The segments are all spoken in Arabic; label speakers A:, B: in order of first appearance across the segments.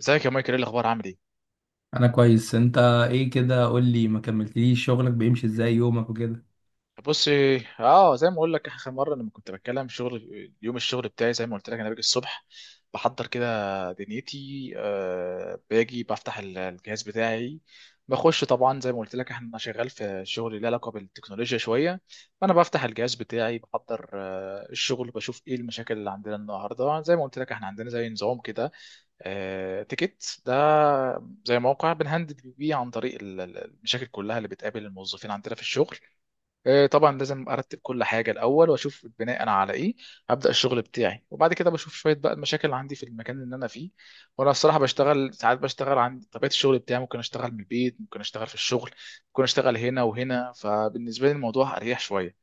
A: ازيك يا مايكل، ايه الاخبار؟ عامل ايه؟
B: انا كويس. انت ايه كده قول لي، ما كملتليش شغلك بيمشي ازاي؟ يومك وكده؟
A: بص. اه، زي ما اقول لك اخر مره لما كنت بتكلم شغل، يوم الشغل بتاعي زي ما قلت لك انا باجي الصبح بحضر كده دنيتي، آه، باجي بفتح الجهاز بتاعي، بخش، طبعا زي ما قلت لك احنا شغال في شغل له علاقه بالتكنولوجيا شويه. فانا بفتح الجهاز بتاعي بحضر الشغل، بشوف ايه المشاكل اللي عندنا النهارده. زي ما قلت لك احنا عندنا زي نظام كده، تيكت ده، زي موقع بنهندل بيه عن طريق المشاكل كلها اللي بتقابل الموظفين عندنا في الشغل. طبعا لازم ارتب كل حاجه الاول واشوف بناء على ايه ابدا الشغل بتاعي، وبعد كده بشوف شويه بقى المشاكل اللي عندي في المكان اللي انا فيه. وانا الصراحه بشتغل ساعات، بشتغل عن طبيعه الشغل بتاعي، ممكن اشتغل من البيت، ممكن اشتغل في الشغل، ممكن اشتغل هنا وهنا، فبالنسبه لي الموضوع اريح شويه.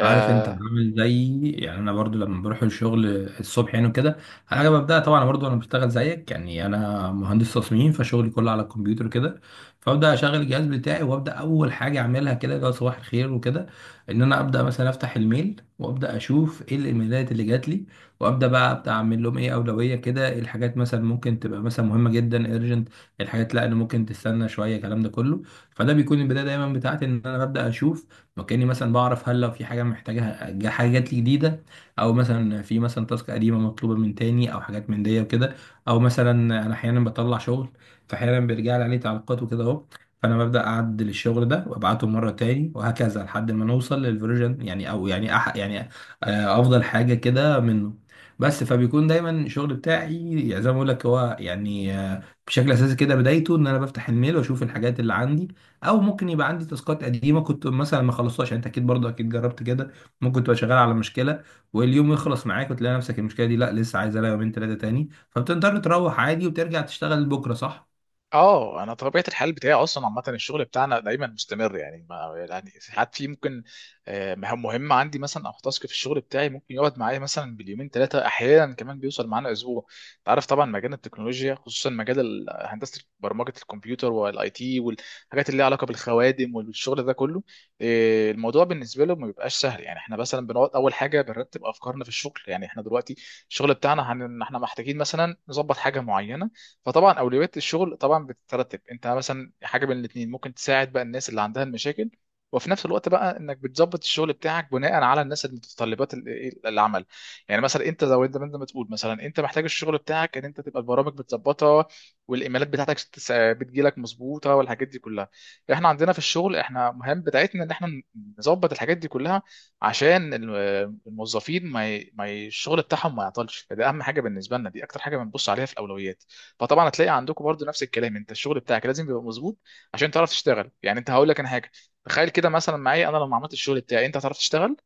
B: عارف انت عامل زي، يعني انا برضو لما بروح الشغل الصبح يعني وكده. انا ببدا طبعا برضو، انا بشتغل زيك يعني، انا مهندس تصميم فشغلي كله على الكمبيوتر كده. فابدا اشغل الجهاز بتاعي وابدا اول حاجه اعملها كده اللي هو صباح الخير وكده، ان انا ابدا مثلا افتح الميل وابدا اشوف ايه الايميلات اللي جات لي، وابدا بقى ابدا اعمل لهم ايه اولويه كده، ايه الحاجات مثلا ممكن تبقى مثلا مهمه جدا ارجنت، الحاجات لا اللي ممكن تستنى شويه الكلام ده كله. فده بيكون البدايه دايما بتاعتي، ان انا ببدا اشوف وكأني مثلا بعرف، هل لو في حاجة محتاجها حاجة جات لي جديدة، أو مثلا في مثلا تاسك قديمة مطلوبة من تاني أو حاجات من دي وكده. أو مثلا أنا أحيانا بطلع شغل فأحيانا بيرجع لي عليه تعليقات وكده أهو، فأنا ببدأ أعدل الشغل ده وأبعته مرة تاني وهكذا لحد ما نوصل للفيرجن، يعني أو يعني يعني، أفضل حاجة كده منه. بس فبيكون دايما الشغل بتاعي يعني زي ما بقول لك، هو يعني بشكل اساسي كده بدايته ان انا بفتح الميل واشوف الحاجات اللي عندي. او ممكن يبقى عندي تاسكات قديمه كنت مثلا ما خلصتهاش، يعني انت اكيد برضه اكيد جربت كده، ممكن تبقى شغال على مشكله واليوم يخلص معاك وتلاقي نفسك المشكله دي لا لسه عايزه لها يومين ثلاثه تاني، فبتقدر تروح عادي وترجع تشتغل بكره، صح؟
A: اه انا طبيعه الحال بتاعي اصلا عامه الشغل بتاعنا دايما مستمر، يعني ما يعني ساعات في ممكن مهام مهمه عندي مثلا، او تاسك في الشغل بتاعي ممكن يقعد معايا مثلا باليومين ثلاثه، احيانا كمان بيوصل معانا اسبوع. انت عارف طبعا مجال التكنولوجيا خصوصا مجال هندسه برمجه الكمبيوتر والاي تي والحاجات اللي ليها علاقه بالخوادم والشغل ده كله، الموضوع بالنسبه له ما بيبقاش سهل. يعني احنا مثلا بنقعد اول حاجه بنرتب افكارنا في الشغل. يعني احنا دلوقتي الشغل بتاعنا احنا محتاجين مثلا نظبط حاجه معينه. فطبعا اولويات الشغل طبعا بتترتب، انت مثلا حاجه من الاثنين ممكن تساعد بقى الناس اللي عندها المشاكل، وفي نفس الوقت بقى انك بتظبط الشغل بتاعك بناء على الناس، المتطلبات، العمل. يعني مثلا انت زي ما انت، ما أنت بتقول مثلا انت محتاج الشغل بتاعك ان انت تبقى البرامج بتظبطها، والايميلات بتاعتك بتجيلك مظبوطه والحاجات دي كلها. احنا عندنا في الشغل احنا مهم بتاعتنا ان احنا نظبط الحاجات دي كلها عشان الموظفين ما ي... ما ي... الشغل بتاعهم ما يعطلش، فده اهم حاجه بالنسبه لنا، دي اكتر حاجه بنبص عليها في الاولويات. فطبعا هتلاقي عندكم برضو نفس الكلام، انت الشغل بتاعك لازم يبقى مظبوط عشان تعرف تشتغل. يعني انت هقول لك انا حاجه، تخيل كده مثلا معايا، انا لما عملت الشغل بتاعي انت هتعرف تشتغل.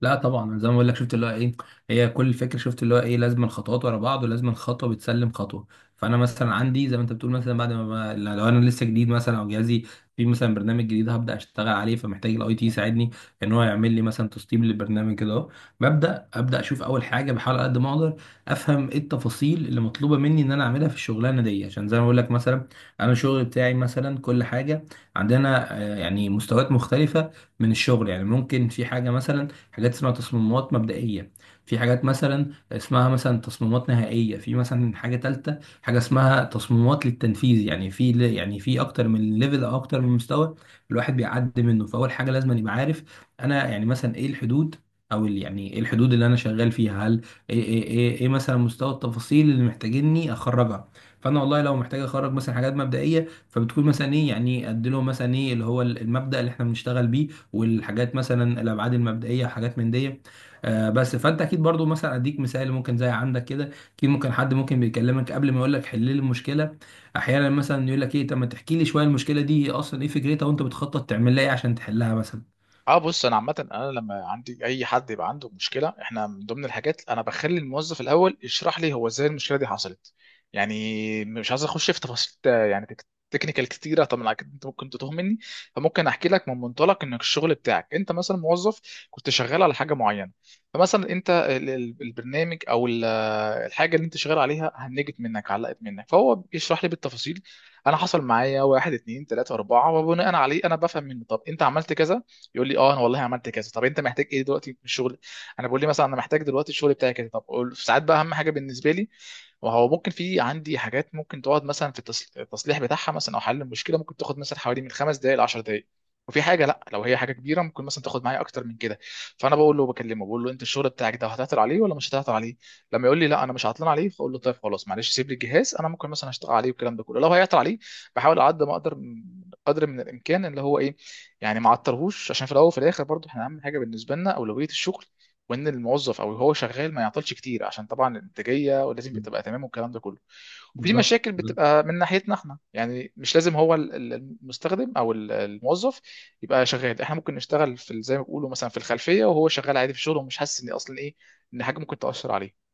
B: لا طبعا، أنا زي ما بقول لك شفت اللي هو ايه، هي كل الفكره شفت اللي هو ايه، لازم خطوات ورا بعض ولازم خطوه بتسلم خطوه. فانا مثلا عندي زي ما انت بتقول، مثلا بعد ما لو انا لسه جديد مثلا او جهازي في مثلا برنامج جديد هبدا اشتغل عليه، فمحتاج الاي تي يساعدني ان هو يعمل لي مثلا تسطيب للبرنامج كده اهو. ابدا اشوف اول حاجه، بحاول على قد ما اقدر افهم ايه التفاصيل اللي مطلوبه مني ان انا اعملها في الشغلانه دي، عشان زي ما بقول لك مثلا انا الشغل بتاعي مثلا كل حاجه عندنا يعني مستويات مختلفه من الشغل. يعني ممكن في حاجه مثلا، حاجات اسمها تصميمات مبدئية، في حاجات مثلا اسمها مثلا تصميمات نهائية، في مثلا حاجة تالتة حاجة اسمها تصميمات للتنفيذ، يعني في يعني في أكتر من ليفل أو أكتر من مستوى الواحد بيعدي منه. فأول حاجة لازم يبقى عارف أنا يعني مثلا إيه الحدود، او يعني ايه الحدود اللي انا شغال فيها، هل إيه مثلا مستوى التفاصيل اللي محتاجيني اخرجها. فانا والله لو محتاج اخرج مثلا حاجات مبدئيه فبتكون مثلا ايه، يعني ادي لهم مثلا ايه اللي هو المبدأ اللي احنا بنشتغل بيه والحاجات مثلا الابعاد المبدئيه وحاجات من دي. بس فانت اكيد برضو مثلا اديك مثال ممكن زي عندك كده، اكيد ممكن حد ممكن بيكلمك قبل ما يقول لك حل لي المشكله، احيانا مثلا يقول لك ايه، طب ما تحكي لي شويه المشكله دي اصلا ايه فكرتها وانت بتخطط تعمل لها ايه عشان تحلها مثلا.
A: اه، بص انا عامه انا لما عندي اي حد يبقى عنده مشكله احنا من ضمن الحاجات انا بخلي الموظف الاول يشرح لي هو ازاي المشكله دي حصلت. يعني مش عايز اخش في تفاصيل يعني تكنيكال كتيره، طبعا أكيد انت ممكن تتوه مني. فممكن احكي لك من منطلق انك الشغل بتاعك انت مثلا موظف كنت شغال على حاجه معينه، فمثلا انت البرنامج او الحاجه اللي انت شغال عليها هنجت منك، علقت منك، فهو بيشرح لي بالتفاصيل انا حصل معايا واحد اتنين تلاته اربعه، وبناء عليه انا بفهم منه طب انت عملت كذا، يقول لي اه انا والله عملت كذا. طب انت محتاج ايه دلوقتي من الشغل؟ انا بقول لي مثلا انا محتاج دلوقتي الشغل بتاعي كذا. طب ساعات بقى اهم حاجه بالنسبه لي، وهو ممكن في عندي حاجات ممكن تقعد مثلا في التصليح بتاعها، مثلا او حل المشكله ممكن تاخد مثلا حوالي من 5 دقائق ل 10 دقائق، وفي حاجه لا لو هي حاجه كبيره ممكن مثلا تاخد معايا اكتر من كده. فانا بقول له بكلمه، بقول له انت الشغل بتاعك ده هتعطل عليه ولا مش هتعطل عليه؟ لما يقول لي لا انا مش عطلان عليه، فاقول له طيب خلاص، معلش سيب لي الجهاز انا ممكن مثلا اشتغل عليه والكلام ده كله. لو هيعطل عليه بحاول على قد ما اقدر قدر من الامكان اللي هو ايه، يعني ما عطلهوش، عشان في الاول وفي الاخر برضو احنا اهم حاجه بالنسبه لنا اولويه الشغل، وان الموظف او هو شغال ما يعطلش كتير، عشان طبعا الانتاجيه ولازم تبقى تمام والكلام ده كله. وفي
B: بالظبط.
A: مشاكل بتبقى من ناحيتنا احنا، يعني مش لازم هو المستخدم او الموظف يبقى شغال، احنا ممكن نشتغل في زي ما بيقولوا مثلا في الخلفيه وهو شغال عادي في شغله ومش حاسس ان اصلا ايه، ان حاجه ممكن تاثر عليه.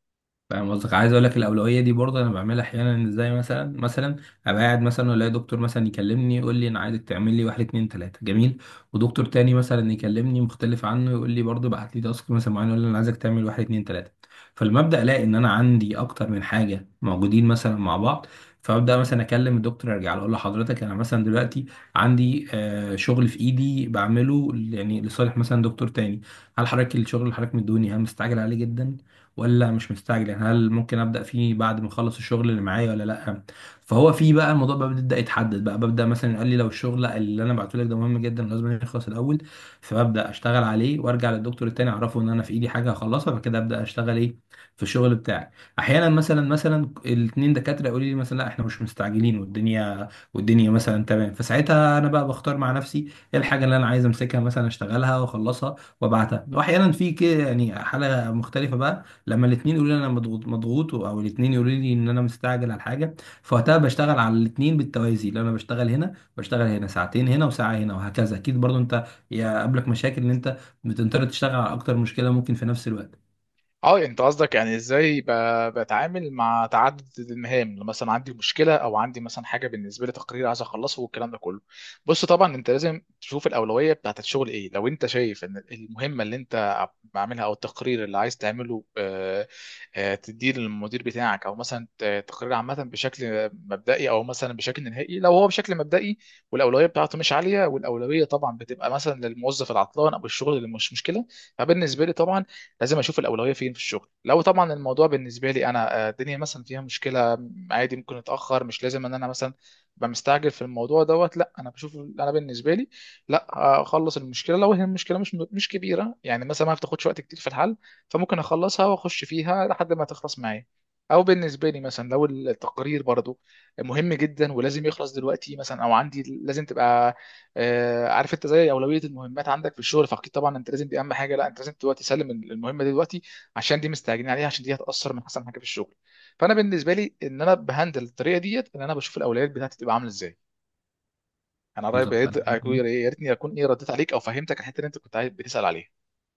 B: فاهم قصدك، عايز اقول لك الاولويه دي برضه انا بعملها احيانا ازاي. مثلا ابقى قاعد مثلا الاقي دكتور مثلا يكلمني يقول لي انا عايزك تعمل لي واحد اتنين تلاته، جميل. ودكتور تاني مثلا يكلمني مختلف عنه يقول لي برضه بعت لي تاسك مثلا معين يقول لي انا عايزك تعمل واحد اتنين تلاته. فالمبدا الاقي ان انا عندي اكتر من حاجه موجودين مثلا مع بعض، فابدا مثلا اكلم الدكتور ارجع له اقول له حضرتك انا مثلا دلوقتي عندي شغل في ايدي بعمله يعني لصالح مثلا دكتور تاني، هل حضرتك الشغل اللي حضرتك مديهوني هل مستعجل عليه جدا ولا مش مستعجل؟ يعني هل ممكن ابدا فيه بعد ما اخلص الشغل اللي معايا ولا لا؟ فهو في بقى الموضوع بقى بيبدا يتحدد، بقى ببدا مثلا قال لي لو الشغل اللي انا بعته لك ده مهم جدا لازم يخلص الاول، فببدا اشتغل عليه وارجع للدكتور التاني اعرفه ان انا في ايدي حاجه هخلصها، فكده ابدا اشتغل ايه في الشغل بتاعي. احيانا مثلا الاثنين دكاتره يقولوا لي مثلا لا احنا مش مستعجلين والدنيا مثلا تمام، فساعتها انا بقى بختار مع نفسي ايه الحاجه اللي انا عايز امسكها مثلا اشتغلها واخلصها وابعتها. واحيانا في كده يعني حاله مختلفه بقى، لما الاثنين يقولوا لي انا مضغوط مضغوط او الاثنين يقولوا لي ان انا مستعجل على حاجه، فوقتها بشتغل على الاثنين بالتوازي، لو انا بشتغل هنا بشتغل هنا ساعتين هنا وساعه هنا وهكذا. اكيد برضو انت يقابلك مشاكل ان انت بتضطر تشتغل على اكتر مشكله ممكن في نفس الوقت.
A: اه، انت قصدك يعني ازاي بتعامل مع تعدد المهام لو مثلا عندي مشكله او عندي مثلا حاجه بالنسبه لي تقرير عايز اخلصه والكلام ده كله؟ بص طبعا انت لازم تشوف الاولويه بتاعت الشغل ايه. لو انت شايف ان المهمه اللي انت عاملها او التقرير اللي عايز تعمله تديه للمدير بتاعك او مثلا تقرير عامه بشكل مبدئي او مثلا بشكل نهائي، لو هو بشكل مبدئي والاولويه بتاعته مش عاليه، والاولويه طبعا بتبقى مثلا للموظف العطلان او الشغل اللي مش مشكله، فبالنسبه لي طبعا لازم اشوف الاولويه فين في الشغل. لو طبعا الموضوع بالنسبه لي انا الدنيا مثلا فيها مشكله عادي ممكن اتاخر، مش لازم ان انا مثلا ابقى مستعجل في الموضوع دوت. لا انا بشوف انا بالنسبه لي لا اخلص المشكله. لو هي المشكله مش مش كبيره يعني مثلا ما بتاخدش وقت كتير في الحل، فممكن اخلصها واخش فيها لحد ما تخلص معايا، او بالنسبه لي مثلا لو التقرير برضو مهم جدا ولازم يخلص دلوقتي مثلا، او عندي لازم تبقى عارف انت زي اولويه المهمات عندك في الشغل. فاكيد طبعا انت لازم دي اهم حاجه، لا انت لازم دلوقتي تسلم المهمه دي دلوقتي، عشان دي مستعجلين عليها، عشان دي هتاثر من احسن حاجه في الشغل. فانا بالنسبه لي ان انا بهندل الطريقه ديت ان انا بشوف الاولويات بتاعتي تبقى عامله ازاي. انا قريب،
B: بالظبط.
A: يا ريتني اكون ايه رديت عليك او فهمتك الحته اللي انت كنت بتسال عليها.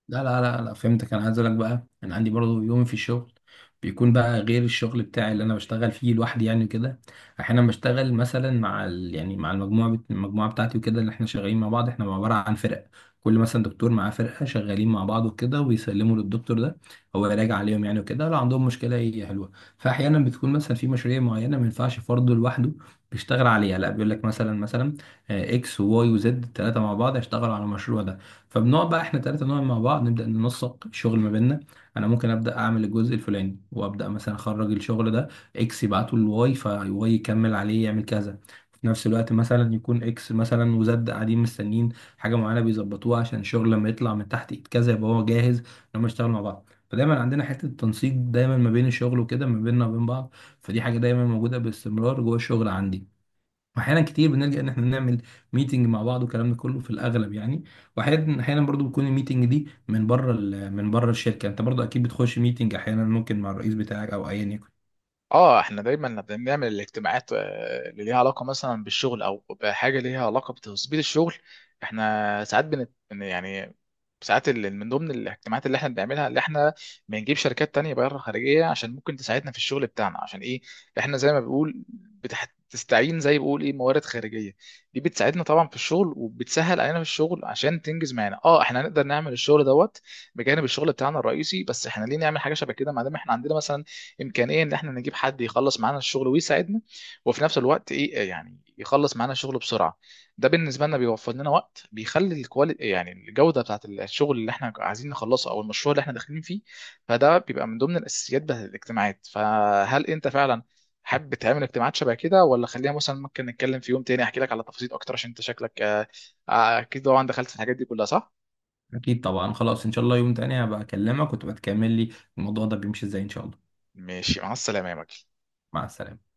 B: لا لا لا لا، فهمتك. انا عايز اقول لك بقى انا عندي برضو يوم في الشغل بيكون بقى غير الشغل بتاعي اللي انا بشتغل فيه لوحدي يعني وكده. احيانا بشتغل مثلا مع ال... يعني مع المجموعه المجموعه بتاعتي وكده اللي احنا شغالين مع بعض، احنا عباره عن فرق، كل مثلا دكتور معاه فرقه شغالين مع بعض وكده ويسلموا للدكتور ده هو يراجع عليهم يعني وكده لو عندهم مشكله هي حلوه. فاحيانا بتكون مثلا في مشاريع معينه ما ينفعش فرد لوحده بيشتغل عليها، لا بيقول لك مثلا اكس وواي وزد الثلاثه مع بعض هيشتغلوا على المشروع ده. فبنقعد بقى احنا ثلاثه نقعد مع بعض نبدا ننسق الشغل ما بيننا. انا ممكن ابدا اعمل الجزء الفلاني وابدا مثلا اخرج الشغل ده اكس يبعته لواي فواي يكمل عليه يعمل كذا. في نفس الوقت مثلا يكون اكس مثلا وزد قاعدين مستنيين حاجه معينه بيظبطوها عشان الشغل لما يطلع من تحت ايد كذا يبقى هو جاهز ان هم يشتغلوا مع بعض. فدايما عندنا حته التنسيق دايما ما بين الشغل وكده ما بيننا وبين بعض، فدي حاجه دايما موجوده باستمرار جوه الشغل عندي. واحيانا كتير بنلجأ ان احنا نعمل ميتنج مع بعض والكلام ده كله في الاغلب يعني. واحيانا برضو بتكون الميتنج دي من بره من بره الشركه، انت برضو اكيد بتخش ميتنج احيانا ممكن مع الرئيس بتاعك او ايا يكن.
A: اه، احنا دايما بنعمل الاجتماعات اللي ليها علاقه مثلا بالشغل او بحاجه ليها علاقه بتظبيط الشغل. احنا ساعات يعني ساعات من ضمن الاجتماعات اللي احنا بنعملها، اللي احنا بنجيب شركات تانية بره خارجيه عشان ممكن تساعدنا في الشغل بتاعنا، عشان ايه؟ احنا زي ما بنقول بتستعين، زي بقول ايه، موارد خارجيه دي بتساعدنا طبعا في الشغل وبتسهل علينا في الشغل عشان تنجز معانا. اه احنا هنقدر نعمل الشغل دوت بجانب الشغل بتاعنا الرئيسي. بس احنا ليه نعمل حاجه شبه كده ما دام احنا عندنا مثلا امكانيه ان احنا نجيب حد يخلص معانا الشغل ويساعدنا وفي نفس الوقت ايه يعني يخلص معانا الشغل بسرعه؟ ده بالنسبه لنا بيوفر لنا وقت، بيخلي الكواليتي يعني الجوده بتاعت الشغل اللي احنا عايزين نخلصه او المشروع اللي احنا داخلين فيه، فده بيبقى من ضمن الاساسيات بتاعت الاجتماعات. فهل انت فعلا حابب تعمل اجتماعات شبه كده، ولا خليها مثلا ممكن نتكلم في يوم تاني احكي لك على تفاصيل اكتر؟ عشان انت شكلك اكيد طبعا دخلت في الحاجات دي كلها، صح؟
B: اكيد طبعا، خلاص ان شاء الله يوم تاني هبقى اكلمك وتبقى تكمل لي الموضوع ده بيمشي ازاي ان شاء الله.
A: ماشي، مع السلامه يا مجدي.
B: مع السلامه.